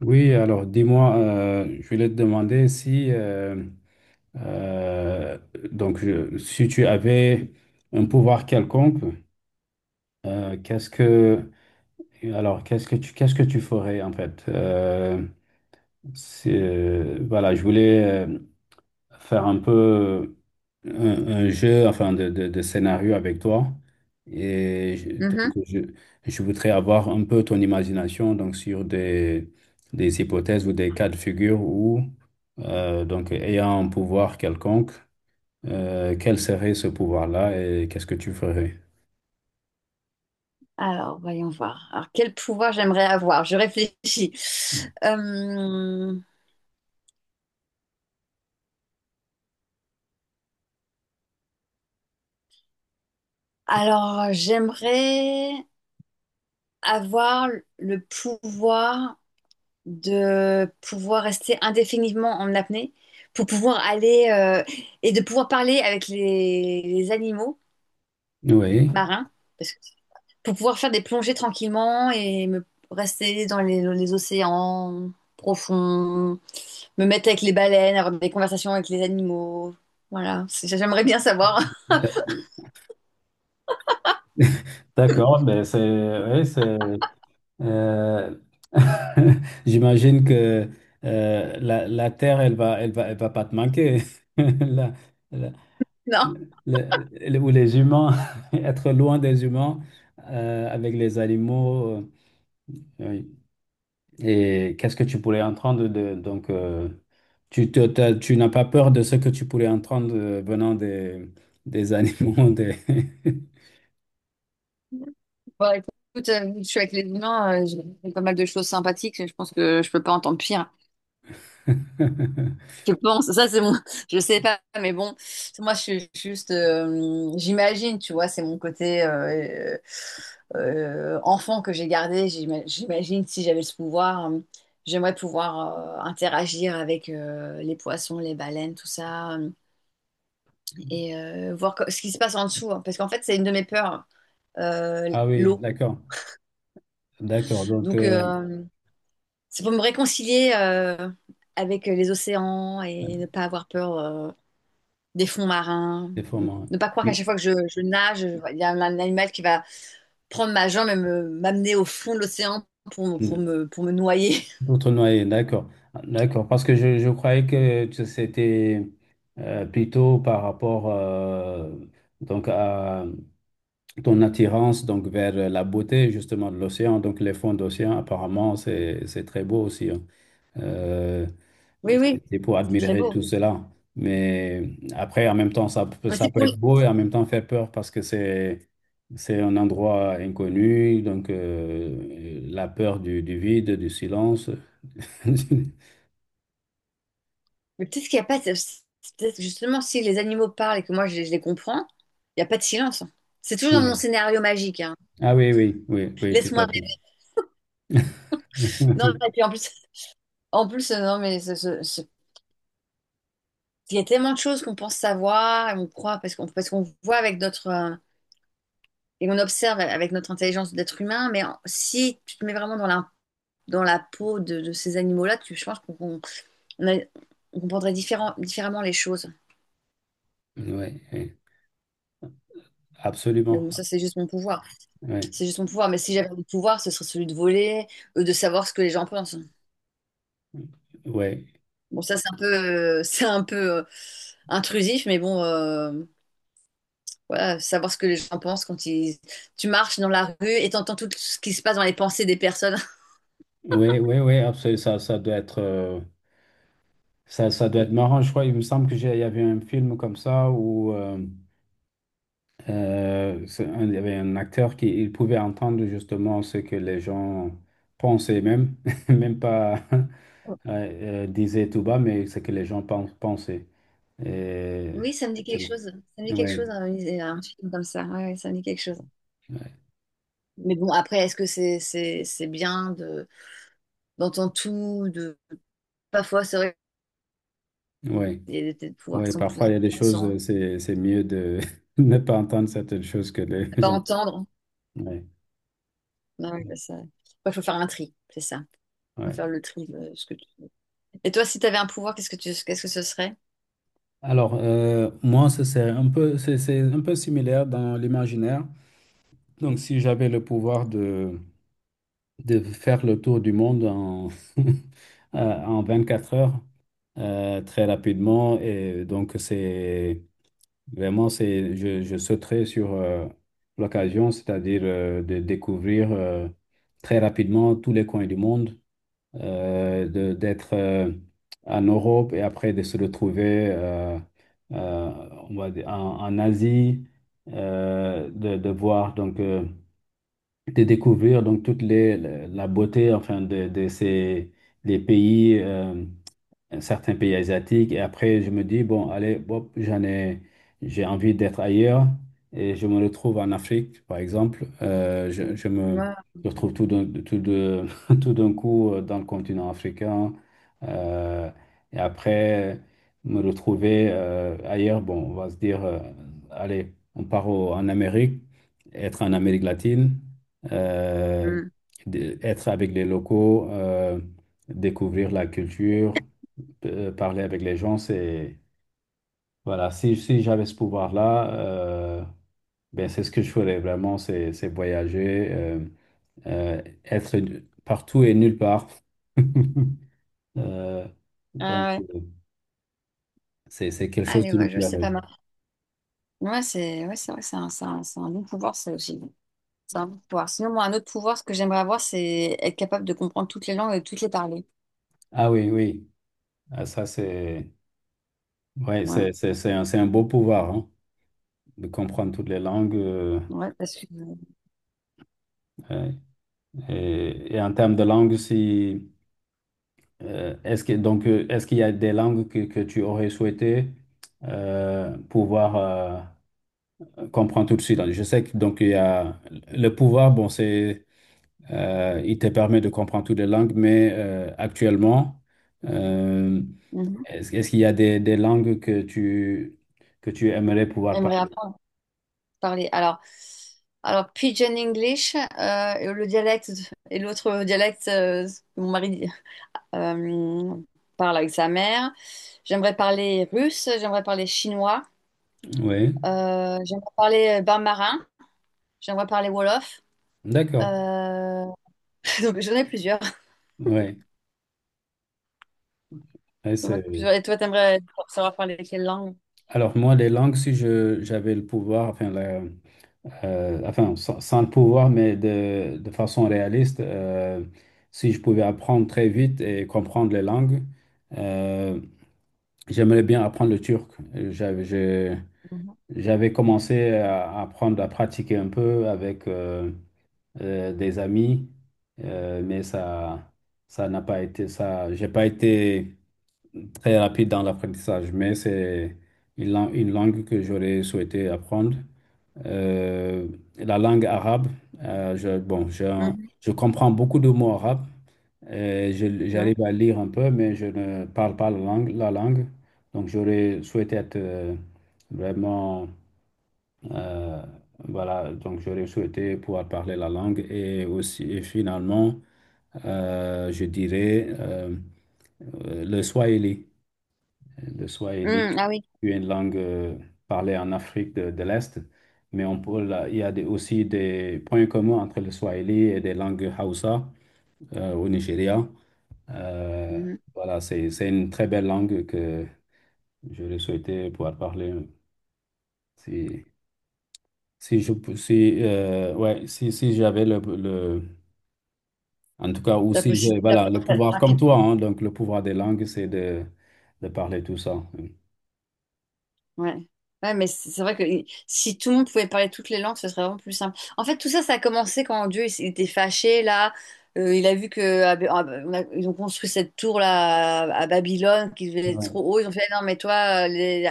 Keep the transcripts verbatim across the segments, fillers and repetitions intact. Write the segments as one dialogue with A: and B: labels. A: Oui, alors dis-moi, euh, je voulais te demander si, euh, euh, donc, je- si tu avais un pouvoir quelconque. euh, qu'est-ce que, alors, qu'est-ce que tu, qu'est-ce que tu ferais en fait? Euh, c'est, euh, voilà, je voulais, euh, faire un peu un, un jeu, enfin, de, de, de scénario avec toi. Et je- donc,
B: Mhm.
A: je, je voudrais avoir un peu ton imagination, donc, sur des, des hypothèses ou des cas de figure où, euh, donc, ayant un pouvoir quelconque, euh, quel serait ce pouvoir-là et qu'est-ce que tu ferais?
B: Alors, voyons voir. Alors, quel pouvoir j'aimerais avoir? Je réfléchis. Euh, alors, j'aimerais avoir le pouvoir de pouvoir rester indéfiniment en apnée, pour pouvoir aller euh, et de pouvoir parler avec les, les animaux
A: Oui,
B: marins, parce que- pour pouvoir faire des plongées tranquillement et me rester dans les, les océans profonds. Me mettre avec les baleines, avoir des conversations avec les animaux. Voilà. C'est- j'aimerais bien savoir.
A: d'accord, mais c'est oui, c'est Euh, J'imagine que euh, la, la terre, elle va, elle va, elle va pas te manquer. La- la-
B: Non.
A: le- le- ou les humains, être loin des humains, euh, avec les animaux. Euh, oui. Et qu'est-ce que tu pourrais entendre de, donc euh, tu te- t'as- Tu n'as pas peur de ce que tu pourrais entendre, euh, venant des, des animaux, des-
B: Bon, écoute, euh, je suis avec les humains. Euh, j'ai fait pas mal de choses sympathiques, je pense que je peux pas entendre pire. Je pense, ça c'est mon, je sais pas, mais bon, moi je suis juste, euh, j'imagine, tu vois, c'est mon côté euh, euh, enfant que j'ai gardé. J'ima- J'imagine si j'avais ce pouvoir, euh, j'aimerais pouvoir euh, interagir avec euh, les poissons, les baleines, tout ça. euh, et euh, voir co- ce qui se passe en dessous, hein. Parce qu'en fait, c'est une de mes peurs, euh,
A: Ah oui,
B: l'eau.
A: d'accord, d'accord. Donc
B: Donc,
A: euh,
B: euh, c'est pour me réconcilier euh, avec les océans et ne pas avoir peur euh, des fonds marins.
A: des fois, moi,
B: Ne pas croire qu'à chaque fois que je, je nage, je- il y a un animal qui va prendre ma jambe et me- m'amener au fond de l'océan pour, pour me, pour me noyer.
A: d'autres noyer, d'accord. D'accord, parce que je, je croyais que tu- c'était euh, plutôt par rapport, euh, donc, à ton attirance, donc, vers la beauté justement de l'océan. Donc les fonds d'océan, apparemment, c'est c'est très beau aussi, hein. Euh,
B: Oui, oui,
A: C'était pour
B: c'est très
A: admirer
B: beau.
A: tout cela. Mais après, en même temps, ça, peut-
B: Mais
A: ça
B: c'est
A: peut
B: pour...
A: être beau et en même temps faire peur, parce que c'est c'est un endroit inconnu. Donc, euh, la peur du, du vide, du silence.
B: mais peut-être qu'il n'y a pas... c'est- c'est peut-être justement, si les animaux parlent et que moi, je, je les comprends, il n'y a pas de silence, hein. C'est toujours dans mon
A: Oui.
B: scénario magique, hein.
A: Ah oui, oui, oui, oui, tout
B: Laisse-moi
A: à fait.
B: rêver. Non, et puis en plus, en plus, euh, non, mais ce- ce- ce- il y a tellement de choses qu'on pense savoir, et on croit, parce qu'on parce qu'on voit avec notre. euh, et on observe avec notre intelligence d'être humain, mais en- si tu te mets vraiment dans la, dans la peau de, de ces animaux-là, tu, je pense qu'on qu'on- on a- on comprendrait différent- différemment les choses.
A: Oui, oui,
B: Mais
A: absolument.
B: bon, ça, c'est juste mon pouvoir.
A: Oui,
B: C'est juste mon pouvoir. Mais si j'avais le pouvoir, ce serait celui de voler, euh, de savoir ce que les gens pensent.
A: oui,
B: Bon, ça, c'est un peu, euh, c'est un peu euh, intrusif, mais bon. euh, voilà, savoir ce que les gens pensent quand ils... tu marches dans la rue et t'entends tout ce qui se passe dans les pensées des personnes.
A: oui, oui, oui, absolument. Ça, ça doit être, euh, ça, ça doit être marrant. Je crois, il me semble que j'ai, il y avait un film comme ça où euh, euh, c'est un- il y avait un acteur qui il pouvait entendre justement ce que les gens pensaient, même, même pas euh, euh, disaient tout bas, mais ce que les gens pen- pensaient. Et
B: Oui, ça me dit
A: c'est
B: quelque
A: bon.
B: chose. Ça me dit quelque
A: Oui,
B: chose, un, un film comme ça. Ouais, ouais, ça me dit quelque chose. Mais bon, après, est-ce que c'est c'est, c'est bien de d'entendre tout, de parfois c'est vrai
A: oui.
B: qu'il y a des des pouvoirs
A: Oui,
B: qui sont plus
A: parfois il y a des choses,
B: intéressants
A: euh, c'est, c'est mieux de ne pas entendre certaines choses que de
B: à pas
A: les entendre.
B: entendre.
A: Ouais,
B: Non, ouais, bah ça... ouais, faut faire un tri, c'est ça. Faut faire
A: ouais.
B: le tri de ce que tu. Et toi, si tu avais un pouvoir, qu'est-ce que tu qu'est-ce que ce serait?
A: Alors, euh, moi, ce serait un peu, c'est c'est un peu similaire dans l'imaginaire. Donc, si j'avais le pouvoir de, de faire le tour du monde en, euh, en vingt-quatre heures, euh, très rapidement. Et donc c'est vraiment, c'est, je, je sauterais sur, euh, l'occasion, c'est-à-dire, euh, de découvrir, euh, très rapidement tous les coins du monde, euh, de- d'être, euh, en Europe, et après de se retrouver, euh, euh, on va dire en, en Asie, euh, de, de voir, donc, euh, de découvrir donc toute les, la beauté, enfin, de, de ces des pays. Euh, certains pays asiatiques. Et après, je me dis, bon, allez, bon, j'en ai, j'ai envie d'être ailleurs. Et je me retrouve en Afrique, par exemple. Euh, je, je me
B: Ouais.
A: retrouve tout d'un tout de, tout d'un coup, euh, dans le continent africain. Euh, et après, me retrouver, euh, ailleurs. Bon, on va se dire, euh, allez, on part au- en Amérique, être en Amérique latine, euh,
B: Hmm.
A: d- être avec les locaux. Euh, découvrir la culture, euh, parler avec les gens, c'est... Voilà, si, si j'avais ce pouvoir-là, euh, ben c'est ce que je ferais vraiment, c'est c'est voyager, euh, euh, être partout et nulle part. Euh, donc,
B: Ah ouais.
A: euh, c'est c'est quelque chose
B: Allez,
A: qui me
B: ouais, je sais
A: plairait.
B: pas mal. Ouais, c'est ouais, c'est vrai, c'est un, c'est un, c'est un bon pouvoir, ça aussi. C'est un bon pouvoir. Sinon, moi, un autre pouvoir, ce que j'aimerais avoir, c'est être capable de comprendre toutes les langues et de toutes les parler.
A: Ah oui, oui, ah, ça c'est... Ouais,
B: Ouais,
A: c'est c'est- c'est un, c'est un beau pouvoir, hein, de comprendre toutes les langues. Euh,
B: ouais, parce que...
A: ouais. et, et en termes de langue, si... Euh, est-ce que, donc, euh, est-ce qu'il y a des langues que, que tu aurais souhaité, euh, pouvoir, euh, comprendre tout de suite? Je sais que donc il y a le pouvoir, bon, c'est euh, il te permet de comprendre toutes les langues, mais, euh, actuellement, euh,
B: Mhm.
A: est-ce, est-ce qu'il y a des, des langues que tu, que tu aimerais pouvoir
B: J'aimerais
A: parler?
B: apprendre à parler. Alors, alors Pigeon English, euh, et le dialecte et l'autre dialecte euh, que mon mari Euh, parle avec sa mère. J'aimerais parler russe, j'aimerais parler chinois,
A: Oui,
B: euh, j'aimerais parler bain marin, j'aimerais parler wolof.
A: d'accord.
B: Euh, Donc j'en ai plusieurs.
A: Oui. Ouais,
B: J'en ai
A: c'est-
B: plusieurs. Et toi, t'aimerais savoir parler quelle langue?
A: Alors moi, les langues, si je j'avais le pouvoir, enfin la- euh, enfin, sans, sans le pouvoir, mais de, de façon réaliste, euh, si je pouvais apprendre très vite et comprendre les langues, euh, j'aimerais bien apprendre le turc. J'avais, je-
B: Mhm.
A: J'avais commencé à apprendre, à pratiquer un peu avec, euh, euh, des amis, euh, mais ça, ça n'a pas été ça. J'ai pas été très rapide dans l'apprentissage, mais c'est une, lang- une langue que j'aurais souhaité apprendre, euh, la langue arabe. Euh, je, bon, j'ai un-
B: Mhm.
A: je comprends beaucoup de mots arabes. Euh, je-
B: Oui.
A: j'arrive à lire un peu, mais je ne parle pas la langue. la langue. Donc, j'aurais souhaité être, euh, vraiment. euh, voilà, donc j'aurais souhaité pouvoir parler la langue. Et aussi, et finalement, euh, je dirais euh, euh, le swahili. Le Swahili
B: Mm, ah oui.
A: est une langue, euh, parlée en Afrique de, de l'Est. Mais on peut, là, il y a des- aussi des points communs entre le Swahili et des langues Hausa, euh, au Nigeria. Euh,
B: Mhm.
A: voilà, c'est, c'est une très belle langue que j'aurais souhaité pouvoir parler. Si, si je, pou- si, euh, ouais, si, Si j'avais le, le- en tout cas, ou
B: La
A: si j'ai,
B: possibilité
A: voilà, le
B: d'apprendre
A: pouvoir comme toi,
B: rapidement.
A: hein, donc le pouvoir des langues, c'est de, de parler tout ça.
B: Ouais. Ouais, mais c'est c'est vrai que si tout le monde pouvait parler toutes les langues ce serait vraiment plus simple en fait. Tout ça ça a commencé quand Dieu il, s- il était fâché là. Euh, il a vu que ah, ben, ah, ben, on a- ils ont construit cette tour là à Babylone qui était trop
A: Ouais,
B: haut, ils ont fait non mais toi euh, les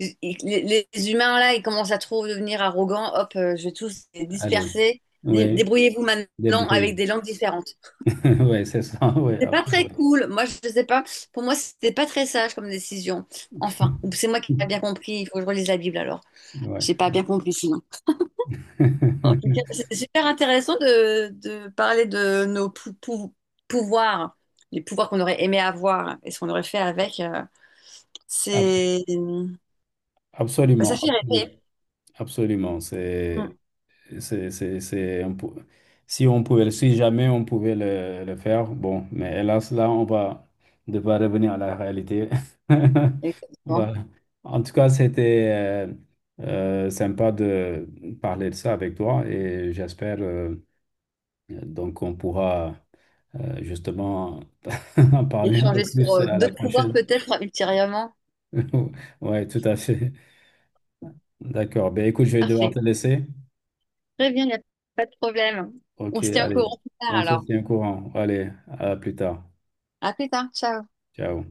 B: les les- les humains là ils commencent à trop devenir arrogants, hop euh, je vais tous les
A: allez,
B: disperser. Dé-
A: oui,
B: débrouillez-vous maintenant
A: débrouillez.
B: avec des langues différentes.
A: Ouais, c'est ça, ouais,
B: C'est pas très
A: absolument.
B: cool. Moi, je sais pas. Pour moi, c'était pas très sage comme décision. Enfin, ou c'est moi qui n'ai pas bien compris. Il faut que je relise la Bible alors.
A: Ouais.
B: J'ai pas bien compris sinon. En tout cas, c'était super intéressant de, de parler de nos pou- pou- pouvoirs, les pouvoirs qu'on aurait aimé avoir et ce qu'on aurait fait avec. euh,
A: Abs-
B: c'est, bah, ça
A: Absolument,
B: fait rêver.
A: absolu- absolument. C'est,
B: Mm.
A: c'est, c'est, c'est un pou- si on pouvait, si jamais on pouvait le, le faire, bon, mais hélas, là, on va devoir revenir à la réalité.
B: Exactement.
A: Voilà. En tout cas, c'était, euh, euh, sympa de parler de ça avec toi, et j'espère, euh, donc, on pourra, euh, justement en parler un peu
B: Échanger sur
A: plus
B: euh,
A: à la
B: d'autres pouvoirs
A: prochaine.
B: peut-être ultérieurement.
A: Ouais, tout à fait. D'accord. Ben, écoute, je vais devoir te
B: Parfait.
A: laisser.
B: Très bien, il n'y a pas de problème. On
A: Ok,
B: se tient au
A: allez.
B: courant plus tard
A: On se
B: alors.
A: tient au courant. Allez, à plus tard.
B: À plus tard. Ciao.
A: Ciao.